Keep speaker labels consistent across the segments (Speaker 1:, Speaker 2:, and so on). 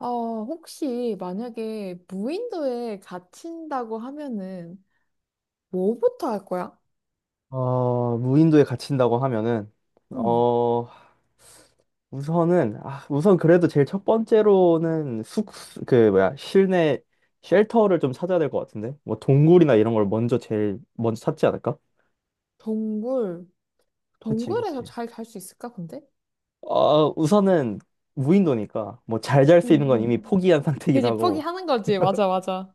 Speaker 1: 어, 혹시 만약에 무인도에 갇힌다고 하면은 뭐부터 할 거야?
Speaker 2: 무인도에 갇힌다고 하면은,
Speaker 1: 응.
Speaker 2: 어, 우선은, 아, 우선 그래도 제일 첫 번째로는 실내 쉘터를 좀 찾아야 될 것 같은데? 뭐, 동굴이나 이런 걸 먼저 제일 먼저 찾지 않을까?
Speaker 1: 동굴.
Speaker 2: 그치,
Speaker 1: 동굴에서
Speaker 2: 그치.
Speaker 1: 잘 잘 수 있을까, 근데?
Speaker 2: 우선은 무인도니까, 뭐, 잘 잘
Speaker 1: 응,
Speaker 2: 수 있는 건 이미
Speaker 1: 응.
Speaker 2: 포기한 상태긴
Speaker 1: 그지,
Speaker 2: 하고,
Speaker 1: 포기하는 거지. 맞아, 맞아.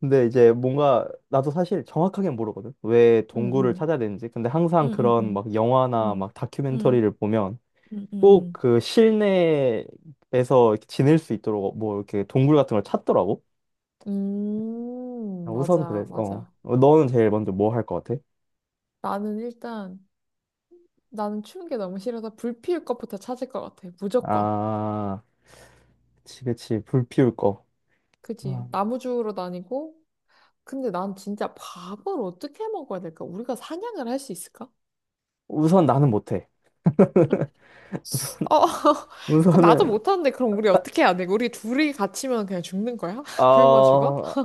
Speaker 2: 근데 이제 뭔가, 나도 사실 정확하게 모르거든? 왜
Speaker 1: 응,
Speaker 2: 동굴을
Speaker 1: 응.
Speaker 2: 찾아야 되는지. 근데 항상
Speaker 1: 응, 응,
Speaker 2: 그런
Speaker 1: 응.
Speaker 2: 막 영화나
Speaker 1: 응,
Speaker 2: 막
Speaker 1: 응,
Speaker 2: 다큐멘터리를 보면,
Speaker 1: 응,
Speaker 2: 꼭
Speaker 1: 응.
Speaker 2: 그 실내에서 이렇게 지낼 수 있도록 뭐 이렇게 동굴 같은 걸 찾더라고.
Speaker 1: 응.
Speaker 2: 아, 우선
Speaker 1: 맞아,
Speaker 2: 그래서
Speaker 1: 맞아.
Speaker 2: 너는 제일 먼저 뭐 할 것 같아?
Speaker 1: 나는 일단, 나는 추운 게 너무 싫어서 불 피울 것부터 찾을 것 같아. 무조건.
Speaker 2: 아, 그치, 그치, 불 피울 거.
Speaker 1: 그지.
Speaker 2: 아,
Speaker 1: 나무주우러 다니고, 근데 난 진짜 밥을 어떻게 먹어야 될까? 우리가 사냥을 할 수 있을까?
Speaker 2: 우선 나는 못해.
Speaker 1: 어, 그 나도
Speaker 2: 우선은
Speaker 1: 못하는데 그럼 우리 어떻게 해야 돼? 우리 둘이 갇히면 그냥 죽는 거야? 굶어 죽어?
Speaker 2: 어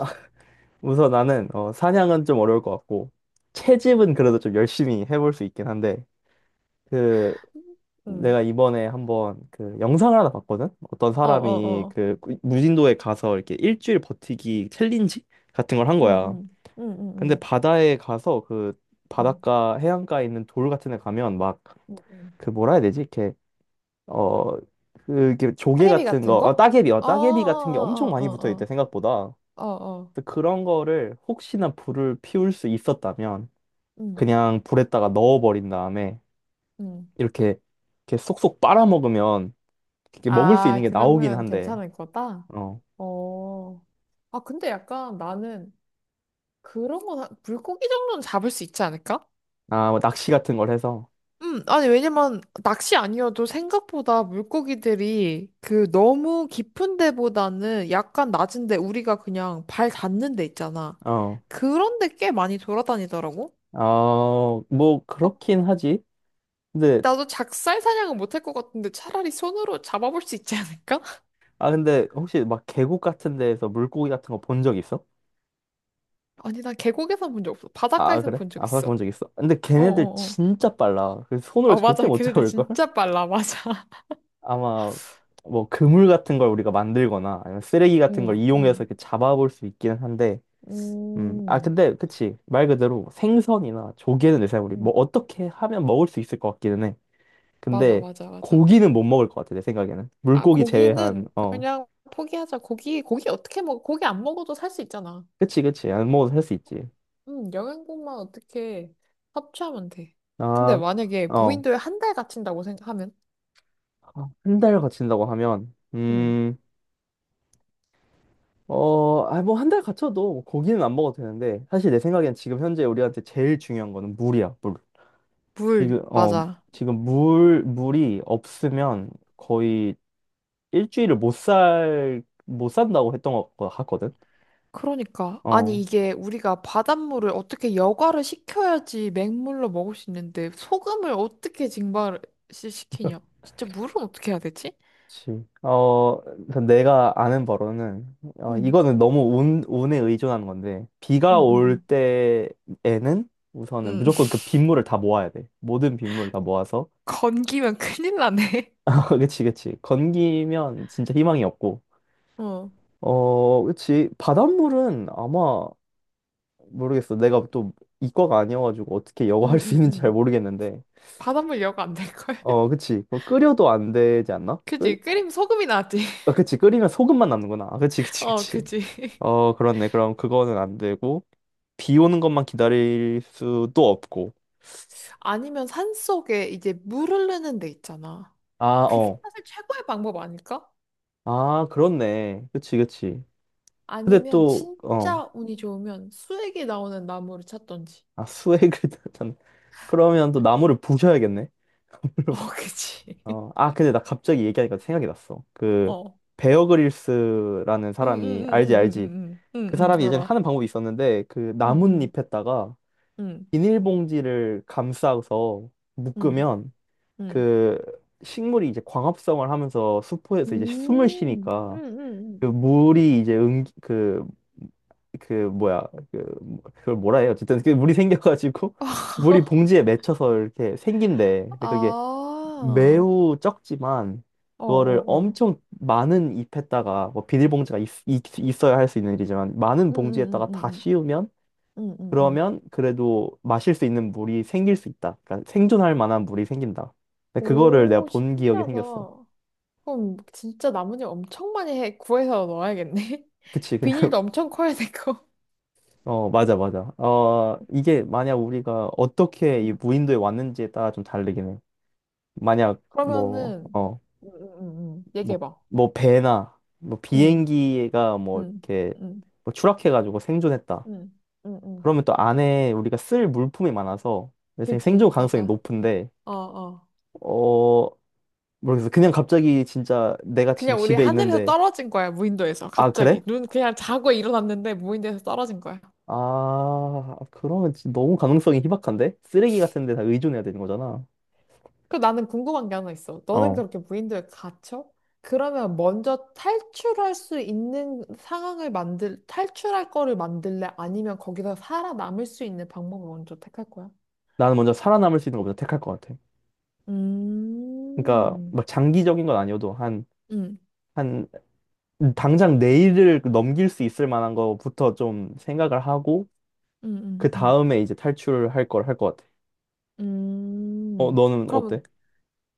Speaker 2: 우선 나는 사냥은 좀 어려울 것 같고 채집은 그래도 좀 열심히 해볼 수 있긴 한데 그
Speaker 1: 응.
Speaker 2: 내가 이번에 한번 그 영상을 하나 봤거든? 어떤
Speaker 1: 어,
Speaker 2: 사람이
Speaker 1: 어, 어.
Speaker 2: 그 무진도에 가서 이렇게 일주일 버티기 챌린지 같은 걸 한
Speaker 1: 응,
Speaker 2: 거야.
Speaker 1: 응, 응, 응,
Speaker 2: 근데
Speaker 1: 응,
Speaker 2: 바다에 가서 그
Speaker 1: 응,
Speaker 2: 바닷가 해안가에 있는 돌 같은 데 가면 막
Speaker 1: 응. 응.
Speaker 2: 그 뭐라 해야 되지? 이렇게 어 그게 조개
Speaker 1: 사계비
Speaker 2: 같은
Speaker 1: 같은
Speaker 2: 거, 어,
Speaker 1: 거?
Speaker 2: 따개비, 어,
Speaker 1: 어, 어,
Speaker 2: 따개비 같은 게 엄청
Speaker 1: 어, 어,
Speaker 2: 많이 붙어 있대,
Speaker 1: 어,
Speaker 2: 생각보다.
Speaker 1: 어, 어, 어.
Speaker 2: 그래서 그런 거를 혹시나 불을 피울 수 있었다면
Speaker 1: 응,
Speaker 2: 그냥 불에다가 넣어버린 다음에
Speaker 1: 응.
Speaker 2: 이렇게 이렇게 쏙쏙 빨아먹으면 이렇게 먹을 수
Speaker 1: 아,
Speaker 2: 있는 게 나오긴
Speaker 1: 그러면
Speaker 2: 한데,
Speaker 1: 괜찮을 거다?
Speaker 2: 어,
Speaker 1: 어. 아, 근데 약간 나는 그런 건 물고기 정도는 잡을 수 있지 않을까?
Speaker 2: 뭐 낚시 같은 걸 해서,
Speaker 1: 아니, 왜냐면, 낚시 아니어도 생각보다 물고기들이 그 너무 깊은 데보다는 약간 낮은 데 우리가 그냥 발 닿는 데 있잖아.
Speaker 2: 어,
Speaker 1: 그런데 꽤 많이 돌아다니더라고?
Speaker 2: 뭐
Speaker 1: 아,
Speaker 2: 그렇긴 하지. 근데,
Speaker 1: 나도 작살 사냥은 못 할 것 같은데 차라리 손으로 잡아볼 수 있지 않을까?
Speaker 2: 근데 혹시 막 계곡 같은 데에서 물고기 같은 거 본 적 있어?
Speaker 1: 아니, 난 계곡에선 본 적 없어.
Speaker 2: 아,
Speaker 1: 바닷가에선
Speaker 2: 그래?
Speaker 1: 본 적
Speaker 2: 아, 바닷가
Speaker 1: 있어.
Speaker 2: 본적 있어? 근데
Speaker 1: 어어어.
Speaker 2: 걔네들
Speaker 1: 어, 어,
Speaker 2: 진짜 빨라. 그
Speaker 1: 어.
Speaker 2: 손으로
Speaker 1: 어,
Speaker 2: 절대
Speaker 1: 맞아.
Speaker 2: 못
Speaker 1: 걔네들
Speaker 2: 잡을걸?
Speaker 1: 진짜 빨라. 맞아.
Speaker 2: 아마 뭐 그물 같은 걸 우리가 만들거나 아니면 쓰레기 같은
Speaker 1: 응,
Speaker 2: 걸 이용해서
Speaker 1: 응.
Speaker 2: 이렇게 잡아볼 수 있기는 한데,
Speaker 1: 음, 음,
Speaker 2: 근데 그치. 말 그대로 생선이나 조개는 내 생각에 우리 뭐
Speaker 1: 음,
Speaker 2: 어떻게 하면 먹을 수 있을 것 같기는 해.
Speaker 1: 맞아,
Speaker 2: 근데
Speaker 1: 맞아, 맞아.
Speaker 2: 고기는 못 먹을 것 같아, 내 생각에는.
Speaker 1: 아,
Speaker 2: 물고기 제외한,
Speaker 1: 고기는
Speaker 2: 어.
Speaker 1: 그냥 포기하자. 고기, 고기 어떻게 먹어? 고기 안 먹어도 살 수 있잖아.
Speaker 2: 그치, 그치. 안 먹어도 할 수 있지.
Speaker 1: 영양분만 어떻게 섭취하면 돼. 근데
Speaker 2: 아,
Speaker 1: 만약에
Speaker 2: 어.
Speaker 1: 무인도에 한 달 갇힌다고 생각하면?
Speaker 2: 한 달 갇힌다고 하면,
Speaker 1: 음,
Speaker 2: 뭐 한 달 갇혀도 뭐 고기는 안 먹어도 되는데, 사실 내 생각엔 지금 현재 우리한테 제일 중요한 거는 물이야, 물. 지금,
Speaker 1: 물,
Speaker 2: 어,
Speaker 1: 맞아.
Speaker 2: 지금 물이 없으면 거의 일주일을 못 산다고 했던 것 같거든?
Speaker 1: 그러니까.
Speaker 2: 어.
Speaker 1: 아니, 이게 우리가 바닷물을 어떻게 여과를 시켜야지 맹물로 먹을 수 있는데, 소금을 어떻게 증발을 시키냐? 진짜 물은 어떻게 해야 되지?
Speaker 2: 그치. 내가 아는 바로는,
Speaker 1: 음,
Speaker 2: 이거는 너무 운에 의존하는 건데, 비가
Speaker 1: 음, 음,
Speaker 2: 올
Speaker 1: 음.
Speaker 2: 때에는 우선은
Speaker 1: 음,
Speaker 2: 무조건 그 빗물을 다 모아야 돼. 모든 빗물을 다 모아서.
Speaker 1: 건기면 큰일 나네.
Speaker 2: 그치, 그치. 건기면 진짜 희망이 없고.
Speaker 1: 어,
Speaker 2: 그치. 바닷물은 아마, 모르겠어. 내가 또 이과가 아니어가지고 어떻게
Speaker 1: 음,
Speaker 2: 여과할 수
Speaker 1: 음,
Speaker 2: 있는지 잘
Speaker 1: 음.
Speaker 2: 모르겠는데.
Speaker 1: 바닷물 여가 안 될걸?
Speaker 2: 그치. 뭐 끓여도 안 되지 않나?
Speaker 1: 그지? 끓이면 소금이 나지.
Speaker 2: 아, 그치. 끓이면 소금만 남는구나. 아, 그치, 그치,
Speaker 1: 어,
Speaker 2: 그치.
Speaker 1: 그지?
Speaker 2: 그렇네. 그럼 그거는 안 되고, 비 오는 것만 기다릴 수도 없고.
Speaker 1: 아니면 산속에 이제 물 흐르는 데 있잖아.
Speaker 2: 아,
Speaker 1: 그게
Speaker 2: 어.
Speaker 1: 사실 최고의 방법 아닐까?
Speaker 2: 아, 그렇네. 그치, 그치. 근데
Speaker 1: 아니면
Speaker 2: 또,
Speaker 1: 진짜 운이 좋으면 수액이 나오는 나무를 찾던지.
Speaker 2: 아, 수액을 단 그러면 또 나무를 부셔야겠네.
Speaker 1: 어,
Speaker 2: 나무를
Speaker 1: 그지?
Speaker 2: 어. 아, 근데 나 갑자기 얘기하니까 생각이 났어. 그,
Speaker 1: 어.
Speaker 2: 베어 그릴스라는
Speaker 1: 응, 응, 응,
Speaker 2: 사람이, 알지,
Speaker 1: 응,
Speaker 2: 알지.
Speaker 1: 응, 응,
Speaker 2: 그
Speaker 1: 응,
Speaker 2: 사람이
Speaker 1: 응,
Speaker 2: 예전에
Speaker 1: 알아.
Speaker 2: 하는 방법이 있었는데, 그
Speaker 1: 응, 응,
Speaker 2: 나뭇잎에다가
Speaker 1: 응,
Speaker 2: 비닐봉지를 감싸서
Speaker 1: 응,
Speaker 2: 묶으면
Speaker 1: 응.
Speaker 2: 그 식물이 이제 광합성을 하면서 수포에서 이제 숨을
Speaker 1: 응,
Speaker 2: 쉬니까 그
Speaker 1: 응,
Speaker 2: 물이 이제 그걸 뭐라 해요, 어쨌든 그 물이 생겨가지고
Speaker 1: 응.
Speaker 2: 물이 봉지에 맺혀서 이렇게 생긴대. 근데 그게
Speaker 1: 아,
Speaker 2: 매우 적지만
Speaker 1: 어,
Speaker 2: 그거를
Speaker 1: 어, 어.
Speaker 2: 엄청 많은 잎에다가 뭐 비닐봉지가 있어야 할 수 있는 일이지만 많은
Speaker 1: 응, 응, 응,
Speaker 2: 봉지에다가 다
Speaker 1: 응,
Speaker 2: 씌우면
Speaker 1: 응, 응, 응.
Speaker 2: 그러면 그래도 마실 수 있는 물이 생길 수 있다. 그러니까 생존할 만한 물이 생긴다. 근데 그거를 내가
Speaker 1: 오,
Speaker 2: 본 기억이 생겼어.
Speaker 1: 신기하다. 그럼 진짜 나뭇잎 엄청 많이 해, 구해서 넣어야겠네.
Speaker 2: 그치, 그냥.
Speaker 1: 비닐도 엄청 커야 되고.
Speaker 2: 맞아, 맞아. 이게 만약 우리가 어떻게 이
Speaker 1: 음.
Speaker 2: 무인도에 왔는지에 따라 좀 다르긴 해. 만약
Speaker 1: 그러면은,
Speaker 2: 뭐
Speaker 1: 얘기해봐.
Speaker 2: 뭐 배나 뭐
Speaker 1: 응,
Speaker 2: 비행기가 뭐
Speaker 1: 응,
Speaker 2: 이렇게
Speaker 1: 응,
Speaker 2: 뭐 추락해가지고 생존했다.
Speaker 1: 응, 응, 응.
Speaker 2: 그러면 또 안에 우리가 쓸 물품이 많아서 내 생존
Speaker 1: 그지,
Speaker 2: 가능성이
Speaker 1: 맞아.
Speaker 2: 높은데.
Speaker 1: 어, 어.
Speaker 2: 어, 모르겠어. 그냥 갑자기 진짜 내가 지금
Speaker 1: 그냥 우리
Speaker 2: 집에
Speaker 1: 하늘에서
Speaker 2: 있는데,
Speaker 1: 떨어진 거야, 무인도에서.
Speaker 2: 아,
Speaker 1: 갑자기.
Speaker 2: 그래?
Speaker 1: 눈, 그냥 자고 일어났는데 무인도에서 떨어진 거야.
Speaker 2: 아, 그러면 진짜 너무 가능성이 희박한데? 쓰레기 같은 데 다 의존해야 되는 거잖아.
Speaker 1: 그 나는 궁금한 게 하나 있어. 너는
Speaker 2: 어.
Speaker 1: 그렇게 무인도에 갇혀? 그러면 먼저 탈출할 수 있는 상황을 만들, 탈출할 거를 만들래? 아니면 거기서 살아남을 수 있는 방법을 먼저 택할 거야?
Speaker 2: 나는 먼저 살아남을 수 있는 거 먼저 택할 것 같아. 그러니까,
Speaker 1: 음,
Speaker 2: 막 장기적인 건 아니어도 한,
Speaker 1: 음,
Speaker 2: 한, 당장 내일을 넘길 수 있을 만한 거부터 좀 생각을 하고,
Speaker 1: 음, 음,
Speaker 2: 그
Speaker 1: 음.
Speaker 2: 다음에 이제 탈출할 걸 할 것 같아.
Speaker 1: 음.
Speaker 2: 너는 어때?
Speaker 1: 그럼,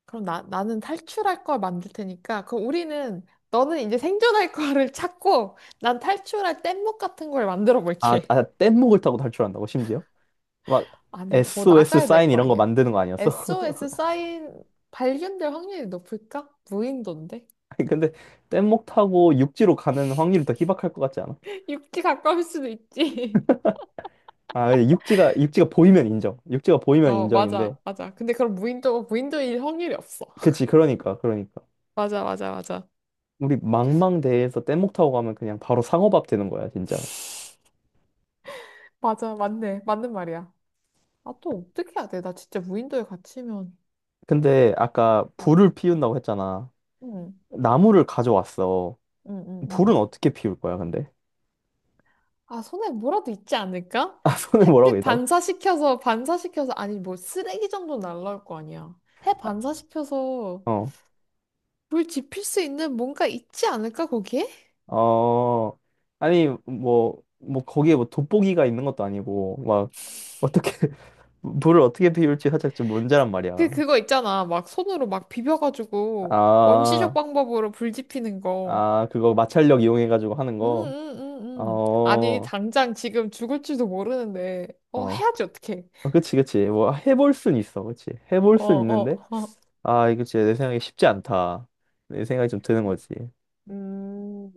Speaker 1: 그럼 나, 나는 탈출할 걸 만들 테니까, 그럼 우리는, 너는 이제 생존할 거를 찾고, 난 탈출할 뗏목 같은 걸 만들어 볼게.
Speaker 2: 뗏목을 타고 탈출한다고, 심지어? 막,
Speaker 1: 아니, 뭐
Speaker 2: SOS
Speaker 1: 나가야 될
Speaker 2: 사인
Speaker 1: 거
Speaker 2: 이런 거
Speaker 1: 아니야.
Speaker 2: 만드는 거 아니었어?
Speaker 1: SOS 사인 발견될 확률이 높을까? 무인도인데?
Speaker 2: 아니, 근데 뗏목 타고 육지로 가는 확률이 더 희박할 것 같지 않아?
Speaker 1: 육지 가까울 수도 있지.
Speaker 2: 아, 육지가 보이면 인정. 육지가 보이면
Speaker 1: 어,
Speaker 2: 인정인데.
Speaker 1: 맞아, 맞아. 근데 그럼 무인도, 무인도일 확률이 없어.
Speaker 2: 그치, 그러니까, 그러니까.
Speaker 1: 맞아, 맞아, 맞아.
Speaker 2: 우리 망망대해에서 뗏목 타고 가면 그냥 바로 상어밥 되는 거야, 진짜.
Speaker 1: 맞아, 맞네. 맞는 말이야. 아, 또 어떻게 해야 돼? 나 진짜 무인도에 갇히면.
Speaker 2: 근데 아까
Speaker 1: 응,
Speaker 2: 불을 피운다고 했잖아.
Speaker 1: 응,
Speaker 2: 나무를 가져왔어.
Speaker 1: 응, 응.
Speaker 2: 불은
Speaker 1: 응.
Speaker 2: 어떻게 피울 거야, 근데?
Speaker 1: 아, 손에 뭐라도 있지 않을까?
Speaker 2: 아, 손에 뭐라고
Speaker 1: 햇빛
Speaker 2: 있다고?
Speaker 1: 반사시켜서, 반사시켜서, 아니, 뭐, 쓰레기 정도 날라올 거 아니야. 해 반사시켜서
Speaker 2: 어,
Speaker 1: 불 지필 수 있는 뭔가 있지 않을까, 거기에?
Speaker 2: 어, 아니, 뭐, 거기에 뭐 돋보기가 있는 것도 아니고, 막, 어떻게, 불을 어떻게 피울지 살짝 좀 문제란 말이야.
Speaker 1: 거 있잖아. 막 손으로 막 비벼가지고 원시적
Speaker 2: 아,
Speaker 1: 방법으로 불 지피는 거.
Speaker 2: 그거 마찰력 이용해가지고 하는 거. 어,
Speaker 1: 아니,
Speaker 2: 어,
Speaker 1: 당장 지금 죽을지도 모르는데. 어,
Speaker 2: 어,
Speaker 1: 해야지, 어떻게
Speaker 2: 그치, 그치. 뭐, 해볼 순 있어. 그치. 해볼
Speaker 1: 어,
Speaker 2: 순
Speaker 1: 어,
Speaker 2: 있는데,
Speaker 1: 어.
Speaker 2: 아, 이거 진짜 내 생각에 쉽지 않다. 내 생각이 좀 드는 거지.
Speaker 1: 음.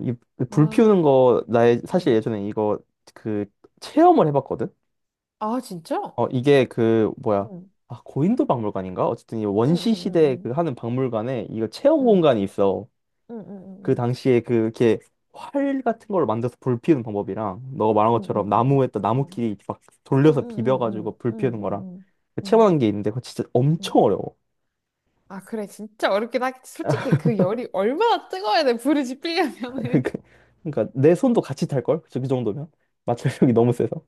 Speaker 2: 이, 불
Speaker 1: 아,
Speaker 2: 피우는 거, 사실
Speaker 1: 음.
Speaker 2: 예전에 이거, 그, 체험을 해봤거든?
Speaker 1: 아, 진짜?
Speaker 2: 이게 그, 뭐야.
Speaker 1: 응.
Speaker 2: 아, 고인도 박물관인가? 어쨌든 이
Speaker 1: 응, 응,
Speaker 2: 원시
Speaker 1: 응,
Speaker 2: 시대 그
Speaker 1: 응.
Speaker 2: 하는 박물관에 이거 체험
Speaker 1: 응,
Speaker 2: 공간이 있어.
Speaker 1: 응, 응,
Speaker 2: 그
Speaker 1: 응.
Speaker 2: 당시에 그 이렇게 활 같은 걸 만들어서 불 피우는 방법이랑 너가 말한
Speaker 1: 응, 응,
Speaker 2: 것처럼
Speaker 1: 응.
Speaker 2: 나무에다
Speaker 1: 응,
Speaker 2: 나무끼리 막
Speaker 1: 응,
Speaker 2: 돌려서
Speaker 1: 응, 응.
Speaker 2: 비벼가지고
Speaker 1: 응,
Speaker 2: 불 피우는
Speaker 1: 응,
Speaker 2: 거랑
Speaker 1: 응. 응,
Speaker 2: 체험한 게 있는데 그거 진짜
Speaker 1: 응.
Speaker 2: 엄청 어려워.
Speaker 1: 아, 그래. 진짜 어렵긴 하겠지. 솔직히 그 열이 얼마나 뜨거워야 돼. 불이 지필려면은.
Speaker 2: 그러니까 내 손도 같이 탈 걸? 그 정도면 마찰력이 너무 세서.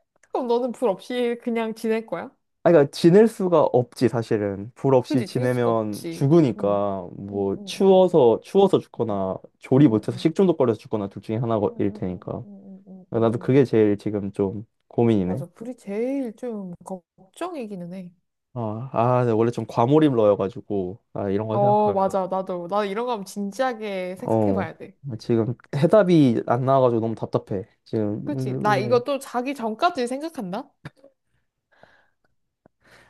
Speaker 1: 그럼 너는 불 없이 그냥 지낼 거야?
Speaker 2: 아니, 그러니까 지낼 수가 없지. 사실은 불 없이
Speaker 1: 그지? 지낼 수가
Speaker 2: 지내면
Speaker 1: 없지. 응.
Speaker 2: 죽으니까
Speaker 1: 응,
Speaker 2: 뭐
Speaker 1: 응, 응,
Speaker 2: 추워서
Speaker 1: 응.
Speaker 2: 죽거나 조리
Speaker 1: 응,
Speaker 2: 못해서
Speaker 1: 응,
Speaker 2: 식중독 걸려서 죽거나 둘 중에
Speaker 1: 응,
Speaker 2: 하나일
Speaker 1: 응, 응, 응,
Speaker 2: 테니까.
Speaker 1: 응, 응, 응, 응. 응, 응, 응, 응,
Speaker 2: 나도
Speaker 1: 응.
Speaker 2: 그게 제일 지금 좀 고민이네.
Speaker 1: 맞아. 불이 제일 좀 걱정이기는 해.
Speaker 2: 네, 원래 좀 과몰입러여가지고, 아, 이런 거
Speaker 1: 어,
Speaker 2: 생각하면,
Speaker 1: 맞아. 나도. 나 이런 거 하면 진지하게 생각해
Speaker 2: 어,
Speaker 1: 봐야 돼.
Speaker 2: 지금 해답이 안 나와가지고 너무 답답해. 지금,
Speaker 1: 그치? 나
Speaker 2: 음,
Speaker 1: 이거
Speaker 2: 음.
Speaker 1: 또 자기 전까지 생각한다?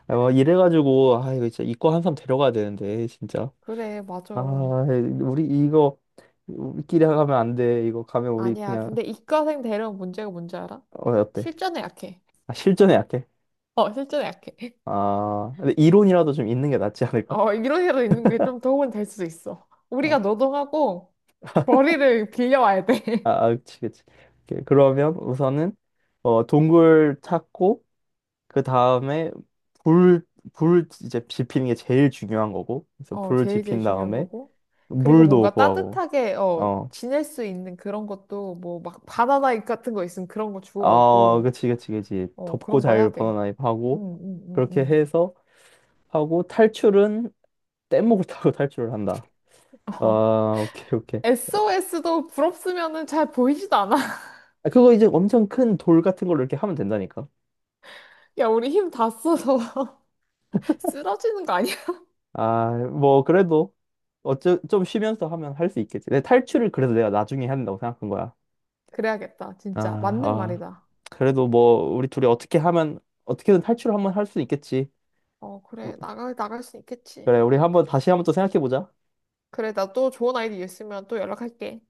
Speaker 2: 아, 뭐 이래가지고, 아, 이거 진짜 이과 한 사람 데려가야 되는데, 진짜.
Speaker 1: 그래, 맞아.
Speaker 2: 아, 우리 이거, 우리끼리 가면 안 돼. 이거 가면 우리
Speaker 1: 아니야.
Speaker 2: 그냥,
Speaker 1: 근데 이과생 대령 문제가 뭔지 알아?
Speaker 2: 어, 어때?
Speaker 1: 실전에 약해.
Speaker 2: 아, 실전에 약해.
Speaker 1: 어, 실제로 약해.
Speaker 2: 아, 근데 이론이라도 좀 있는 게 낫지 않을까?
Speaker 1: 어, 이런 식으로 있는 게 좀 도움은 될 수도 있어.
Speaker 2: 어,
Speaker 1: 우리가 노동하고 벌이를 빌려와야 돼.
Speaker 2: 그치, 그치. 오케이, 그러면 우선은, 동굴 찾고, 그 다음에 불, 불 이제 지피는 게 제일 중요한 거고. 그래서
Speaker 1: 어,
Speaker 2: 불
Speaker 1: 제일 제일
Speaker 2: 지핀
Speaker 1: 중요한
Speaker 2: 다음에
Speaker 1: 거고. 그리고
Speaker 2: 물도
Speaker 1: 뭔가
Speaker 2: 구하고.
Speaker 1: 따뜻하게, 어,
Speaker 2: 어.
Speaker 1: 지낼 수 있는 그런 것도 뭐 막 바나나 같은 거 있으면 그런 거
Speaker 2: 아,
Speaker 1: 주워오고,
Speaker 2: 그치, 그치, 그치.
Speaker 1: 어,
Speaker 2: 덥고
Speaker 1: 그런 거 해야
Speaker 2: 잘
Speaker 1: 돼.
Speaker 2: 번화나입
Speaker 1: 응,
Speaker 2: 하고.
Speaker 1: 응, 응,
Speaker 2: 그렇게
Speaker 1: 응.
Speaker 2: 해서 하고 탈출은 뗏목을 타고 탈출을 한다.
Speaker 1: 어.
Speaker 2: 아, 오케이, 오케이.
Speaker 1: SOS도 부럽으면은 잘 보이지도 않아.
Speaker 2: 아, 그거 이제 엄청 큰 돌 같은 걸로 이렇게 하면 된다니까.
Speaker 1: 야, 우리 힘 다 써서 쓰러지는 거 아니야?
Speaker 2: 아, 뭐, 그래도 좀 쉬면서 하면 할 수 있겠지. 내 탈출을 그래서 내가 나중에 해야 된다고 생각한 거야.
Speaker 1: 그래야겠다.
Speaker 2: 아,
Speaker 1: 진짜. 맞는
Speaker 2: 아,
Speaker 1: 말이다.
Speaker 2: 그래도 뭐 우리 둘이 어떻게 하면 어떻게든 탈출을 한번 할 수 있겠지.
Speaker 1: 어, 그래. 나가, 나갈 수 있겠지.
Speaker 2: 그래, 우리 한번 다시 한번 또 생각해 보자.
Speaker 1: 그래, 나 또 좋은 아이디 있으면 또 연락할게.